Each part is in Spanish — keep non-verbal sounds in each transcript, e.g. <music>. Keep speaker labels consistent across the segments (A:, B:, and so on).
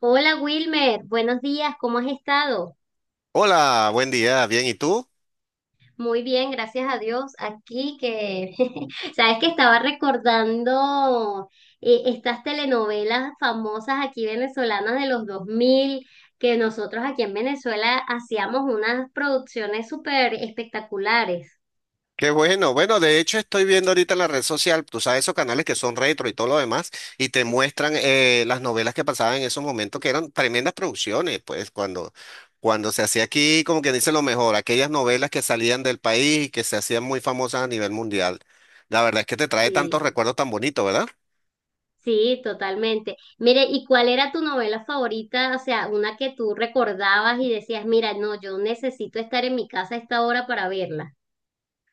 A: Hola Wilmer, buenos días, ¿cómo has estado?
B: Hola, buen día, bien, ¿y tú?
A: Muy bien, gracias a Dios. Aquí que, <laughs> sabes que estaba recordando estas telenovelas famosas aquí venezolanas de los 2000 que nosotros aquí en Venezuela hacíamos unas producciones súper espectaculares.
B: Qué bueno, bueno, de hecho estoy viendo ahorita en la red social, tú sabes, esos canales que son retro y todo lo demás, y te muestran las novelas que pasaban en esos momentos, que eran tremendas producciones, pues cuando se hacía aquí, como que dice lo mejor, aquellas novelas que salían del país y que se hacían muy famosas a nivel mundial. La verdad es que te trae
A: Sí,
B: tantos recuerdos tan bonitos, ¿verdad?
A: sí, totalmente. Mire, ¿y cuál era tu novela favorita? O sea, una que tú recordabas y decías, mira, no, yo necesito estar en mi casa a esta hora para verla.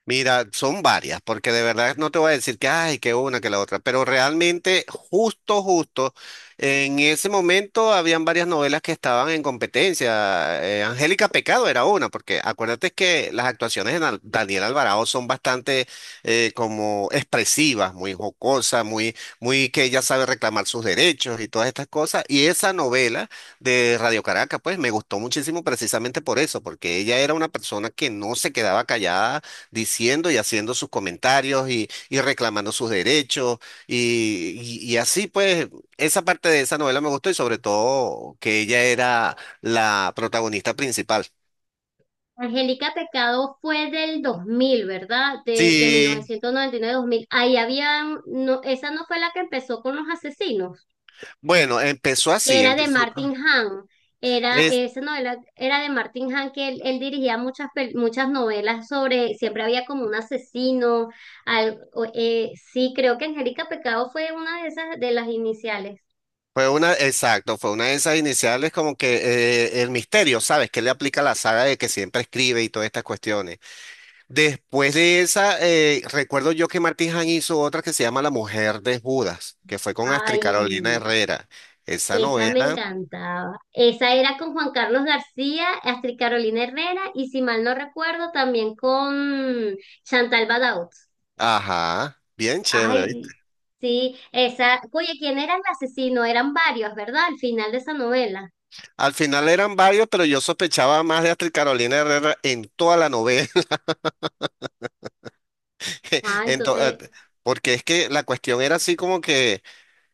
B: Mira, son varias, porque de verdad no te voy a decir que, ay, que una, que la otra, pero realmente justo, justo, en ese momento habían varias novelas que estaban en competencia. Angélica Pecado era una, porque acuérdate que las actuaciones de Daniel Alvarado son bastante como expresivas, muy jocosas, muy que ella sabe reclamar sus derechos y todas estas cosas. Y esa novela de Radio Caracas, pues me gustó muchísimo precisamente por eso, porque ella era una persona que no se quedaba callada diciendo y haciendo sus comentarios y reclamando sus derechos y así pues esa parte de esa novela me gustó y sobre todo que ella era la protagonista principal.
A: Angélica Pecado fue del 2000, ¿verdad? De mil
B: Sí,
A: novecientos noventa y nueve a 2000. Ahí había, no, esa no fue la que empezó con los asesinos,
B: bueno, empezó
A: que
B: así,
A: era de Martin Hahn. Era,
B: es-
A: esa novela era de Martin Hahn, que él dirigía muchas, muchas novelas sobre, siempre había como un asesino. Sí, creo que Angélica Pecado fue una de esas, de las iniciales.
B: fue una, exacto, fue una de esas iniciales como que el misterio, ¿sabes? Que le aplica la saga de que siempre escribe y todas estas cuestiones. Después de esa, recuerdo yo que Martín hizo otra que se llama La Mujer de Judas, que fue con Astrid
A: Ay.
B: Carolina Herrera. Esa
A: Esa me
B: novela,
A: encantaba. Esa era con Juan Carlos García, Astrid Carolina Herrera y si mal no recuerdo también con Chantal Badaud.
B: ajá, bien chévere, ¿viste?
A: Ay, mm, sí, esa. Oye, ¿quién era el asesino? Eran varios, ¿verdad? Al final de esa novela.
B: Al final eran varios, pero yo sospechaba más de Astrid Carolina Herrera en toda la novela. <laughs>
A: Ah, entonces.
B: Entonces, porque es que la cuestión era así como que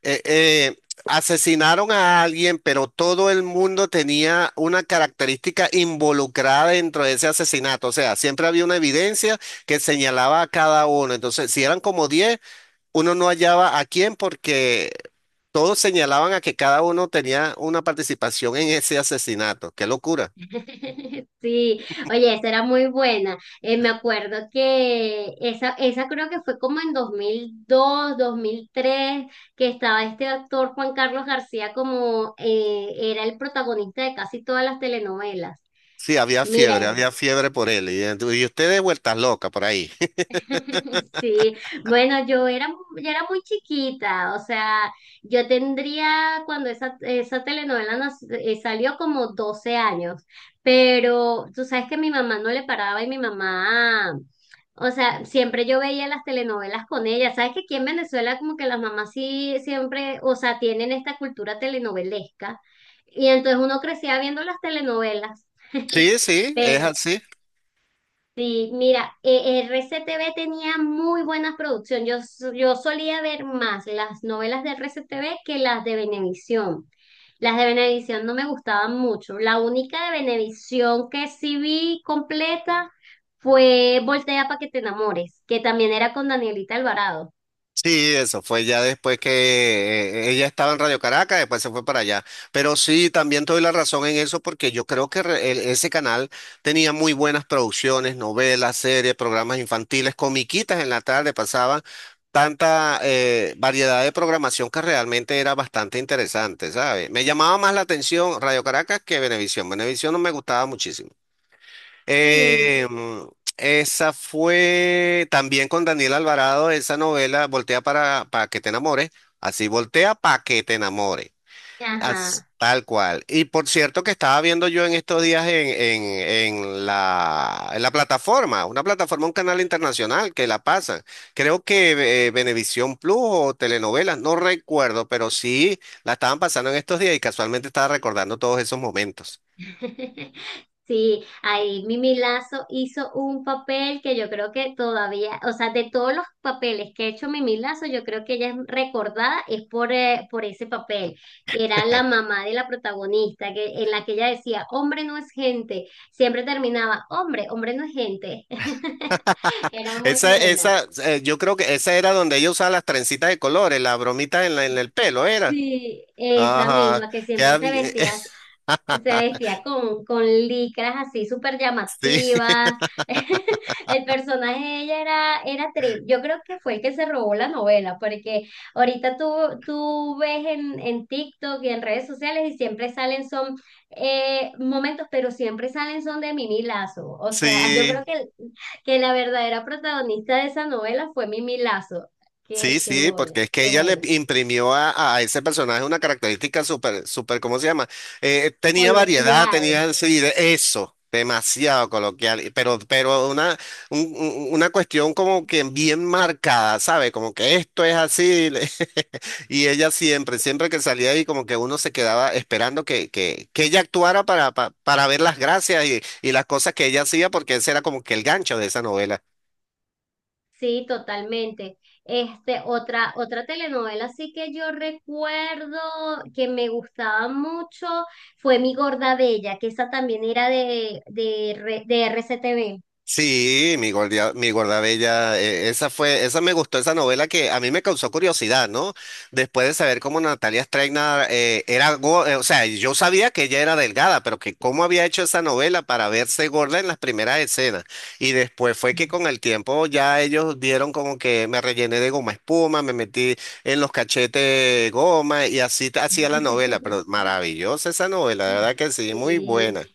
B: eh, eh, asesinaron a alguien, pero todo el mundo tenía una característica involucrada dentro de ese asesinato. O sea, siempre había una evidencia que señalaba a cada uno. Entonces, si eran como 10, uno no hallaba a quién porque todos señalaban a que cada uno tenía una participación en ese asesinato. Qué locura.
A: <laughs> Sí, oye, esa era muy buena. Me acuerdo que esa creo que fue como en 2002, dos mil tres, que estaba este actor Juan Carlos García como era el protagonista de casi todas las telenovelas.
B: Sí,
A: Mira,
B: había fiebre por él. Y ustedes vueltas locas por ahí. <laughs>
A: <laughs> sí, bueno, yo era muy chiquita, o sea, yo tendría cuando esa telenovela salió como 12 años, pero tú sabes que mi mamá no le paraba y mi mamá, o sea, siempre yo veía las telenovelas con ella. Sabes que aquí en Venezuela como que las mamás sí siempre, o sea, tienen esta cultura telenovelesca, y entonces uno crecía viendo las telenovelas. <laughs>
B: Sí, sí, es
A: Pero
B: así.
A: sí, mira, RCTV tenía muy buenas producciones. Yo, yo solía ver más las novelas de RCTV que las de Venevisión. Las de Venevisión no me gustaban mucho. La única de Venevisión que sí vi completa fue Voltea para que te enamores, que también era con Danielita Alvarado.
B: Sí, eso fue ya después que ella estaba en Radio Caracas, después se fue para allá. Pero sí, también te doy la razón en eso porque yo creo que ese canal tenía muy buenas producciones, novelas, series, programas infantiles, comiquitas en la tarde, pasaban tanta variedad de programación que realmente era bastante interesante, ¿sabes? Me llamaba más la atención Radio Caracas que Venevisión. Venevisión no me gustaba muchísimo.
A: Sí,
B: Eh, mm, esa fue también con Daniel Alvarado, esa novela, Voltea para que te enamore. Así, Voltea para que te enamore. As-
A: ajá.
B: tal cual. Y por cierto que estaba viendo yo en estos días en la plataforma, una plataforma, un canal internacional que la pasan. Creo que Venevisión Plus o telenovelas, no recuerdo, pero sí la estaban pasando en estos días y casualmente estaba recordando todos esos momentos.
A: <laughs> Sí, ahí Mimi Lazo hizo un papel que yo creo que todavía, o sea, de todos los papeles que ha hecho Mimi Lazo, yo creo que ella es recordada es por ese papel, que era la mamá de la protagonista, que, en la que ella decía, hombre no es gente, siempre terminaba, hombre, hombre no es gente. <laughs> Era muy buena.
B: Yo creo que esa era donde ella usaba las trencitas de colores, las bromitas en el pelo, era.
A: Sí, esa
B: Ajá.
A: misma que
B: que
A: siempre se vestía
B: hab-
A: Se vestía con, licras así súper
B: <laughs> sí,
A: llamativas. <laughs> El personaje de ella era Trip. Yo creo que fue el que se robó la novela, porque ahorita tú ves en, TikTok y en redes sociales, y siempre salen son momentos, pero siempre salen son de Mimi Lazo. O sea, <laughs> yo creo
B: sí.
A: que la verdadera protagonista de esa novela fue Mimi Lazo. Qué,
B: Sí,
A: qué
B: sí,
A: bueno,
B: porque es que
A: qué
B: ella le
A: bueno.
B: imprimió a ese personaje una característica súper, ¿cómo se llama? Tenía variedad,
A: Coloquial.
B: tenía sí, eso, demasiado coloquial, pero una, una cuestión como que bien marcada, ¿sabe? Como que esto es así, le- <laughs> y ella siempre, siempre que salía ahí, como que uno se quedaba esperando que ella actuara para, para, ver las gracias y las cosas que ella hacía, porque ese era como que el gancho de esa novela.
A: Sí, totalmente. Este, otra telenovela así que yo recuerdo que me gustaba mucho fue Mi Gorda Bella, que esa también era de RCTV.
B: Sí, mi guardabella, esa fue, esa me gustó, esa novela que a mí me causó curiosidad, ¿no? Después de saber cómo Natalia Streina era, o sea, yo sabía que ella era delgada, pero que cómo había hecho esa novela para verse gorda en las primeras escenas. Y después fue que con el tiempo ya ellos dieron como que me rellené de goma espuma, me metí en los cachetes goma y así hacía la novela, pero
A: <laughs>
B: maravillosa esa novela, de verdad que sí, muy
A: Sí,
B: buena.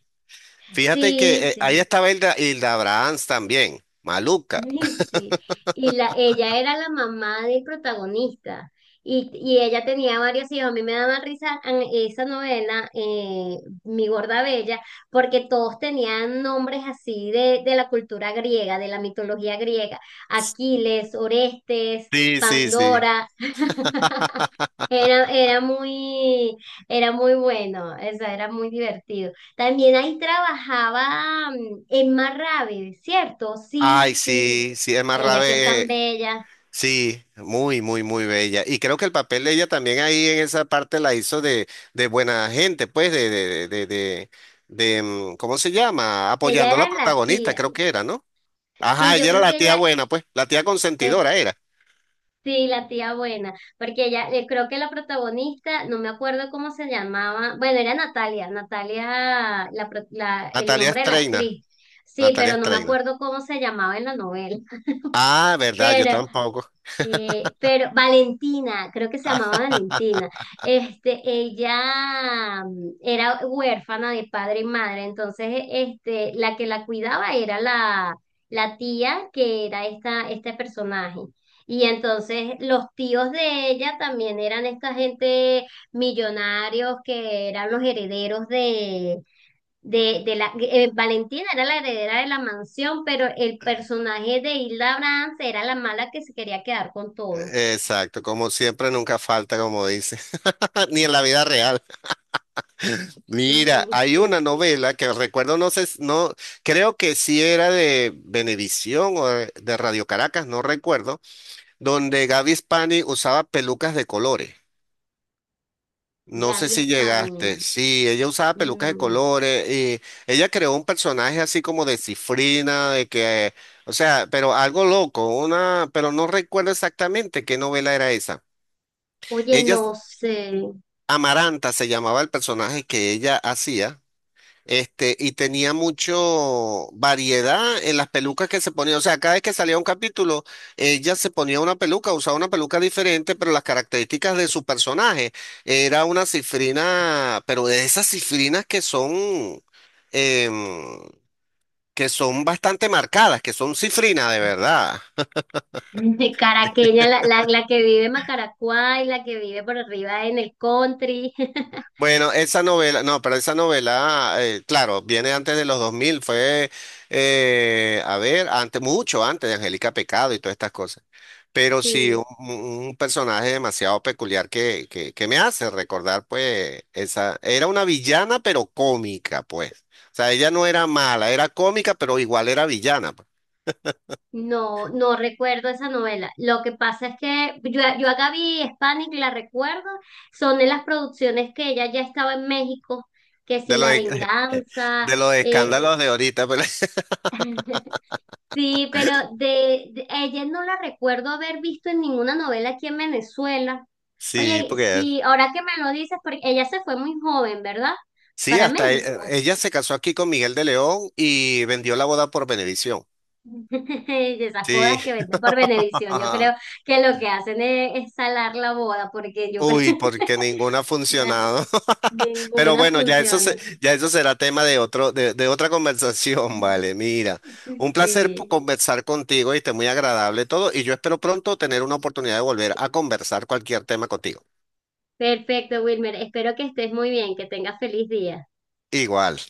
B: Fíjate que
A: sí,
B: ahí
A: sí.
B: estaba Hilda Brahms también, maluca.
A: <laughs> Sí, ella era la mamá del protagonista y ella tenía varios hijos. A mí me daba risa en esa novela, Mi Gorda Bella, porque todos tenían nombres así de la cultura griega, de la mitología griega. Aquiles, Orestes,
B: Sí, sí, sí.
A: Pandora, era, era muy, era muy bueno, o sea, era muy divertido. También ahí trabajaba Emma Ravi, ¿cierto? Sí,
B: Ay,
A: sí.
B: sí, sí, Emma
A: Ella que es
B: Rabe,
A: tan bella.
B: sí, muy bella. Y creo que el papel de ella también ahí en esa parte la hizo de buena gente, pues. ¿Cómo se llama?
A: Ella
B: Apoyando a
A: era
B: la
A: la
B: protagonista,
A: tía.
B: creo que era, ¿no?
A: Sí,
B: Ajá,
A: yo
B: ella era
A: creo
B: la
A: que
B: tía
A: ella
B: buena, pues, la tía
A: es,
B: consentidora era.
A: sí, la tía buena, porque ella, creo que la protagonista, no me acuerdo cómo se llamaba, bueno, era Natalia, la, el
B: Natalia
A: nombre de la
B: Streiner,
A: actriz. Sí,
B: Natalia
A: pero no me
B: Streiner.
A: acuerdo cómo se llamaba en la novela.
B: Ah, verdad, yo tampoco.
A: <laughs> Pero Valentina, creo que se llamaba Valentina, este, ella era huérfana de padre y madre. Entonces, este, la que la cuidaba era la tía, que era este personaje. Y entonces los tíos de ella también eran esta gente millonarios, que eran los herederos de la Valentina era la heredera de la mansión, pero el personaje de Hilda Brands era la mala, que se quería quedar con todo.
B: Exacto, como siempre, nunca falta, como dice, <laughs> ni en la vida real. Mira,
A: Mm,
B: hay una
A: sí,
B: novela que recuerdo, no sé, no, creo que sí era de Venevisión o de Radio Caracas, no recuerdo, donde Gaby Spani usaba pelucas de colores. No sé
A: Gaby
B: si
A: España.
B: llegaste. Sí, ella usaba pelucas de
A: No.
B: colores y ella creó un personaje así como de cifrina, de que, o sea, pero algo loco, una, pero no recuerdo exactamente qué novela era esa.
A: Oye,
B: Ella
A: no sé.
B: Amaranta se llamaba el personaje que ella hacía, este, y tenía mucho variedad en las pelucas que se ponía. O sea, cada vez que salía un capítulo, ella se ponía una peluca, usaba una peluca diferente, pero las características de su personaje era una cifrina, pero de esas cifrinas que son, em, que son bastante marcadas, que son cifrinas de verdad.
A: De Caraqueña, la que vive en Macaracuay, la que vive por arriba en el country. <laughs>
B: Bueno, esa novela, no, pero esa novela, claro, viene antes de los 2000, fue, a ver, antes, mucho antes de Angélica Pecado y todas estas cosas. Pero sí,
A: Sí.
B: un personaje demasiado peculiar que me hace recordar, pues, esa, era una villana, pero cómica, pues. O sea, ella no era mala, era cómica, pero igual era villana, pues.
A: No, no recuerdo esa novela. Lo que pasa es que yo a Gaby Spanik la recuerdo, son de las producciones que ella ya estaba en México, que si
B: De los,
A: La
B: e- <laughs>
A: Venganza,
B: de los escándalos de ahorita, pues.
A: <laughs> sí, pero ella no la recuerdo haber visto en ninguna novela aquí en Venezuela.
B: <laughs> sí,
A: Oye,
B: porque
A: sí, ahora que me lo dices, porque ella se fue muy joven, ¿verdad?
B: Sí,
A: Para
B: hasta
A: México.
B: ella se casó aquí con Miguel de León y vendió la boda por Venevisión.
A: <laughs> De esas
B: Sí.
A: bodas que venden por Venevisión, yo
B: <laughs>
A: creo que lo que hacen es salar la boda, porque yo creo.
B: Uy, porque ninguna ha
A: Na-
B: funcionado. <laughs> Pero
A: ninguna
B: bueno, ya
A: funciona.
B: ya eso será tema de otro, de otra conversación, <laughs> vale.
A: <laughs>
B: Mira, un placer
A: Sí.
B: conversar contigo, y muy agradable todo, y yo espero pronto tener una oportunidad de volver a conversar cualquier tema contigo.
A: Perfecto, Wilmer. Espero que estés muy bien, que tengas feliz día.
B: Igual.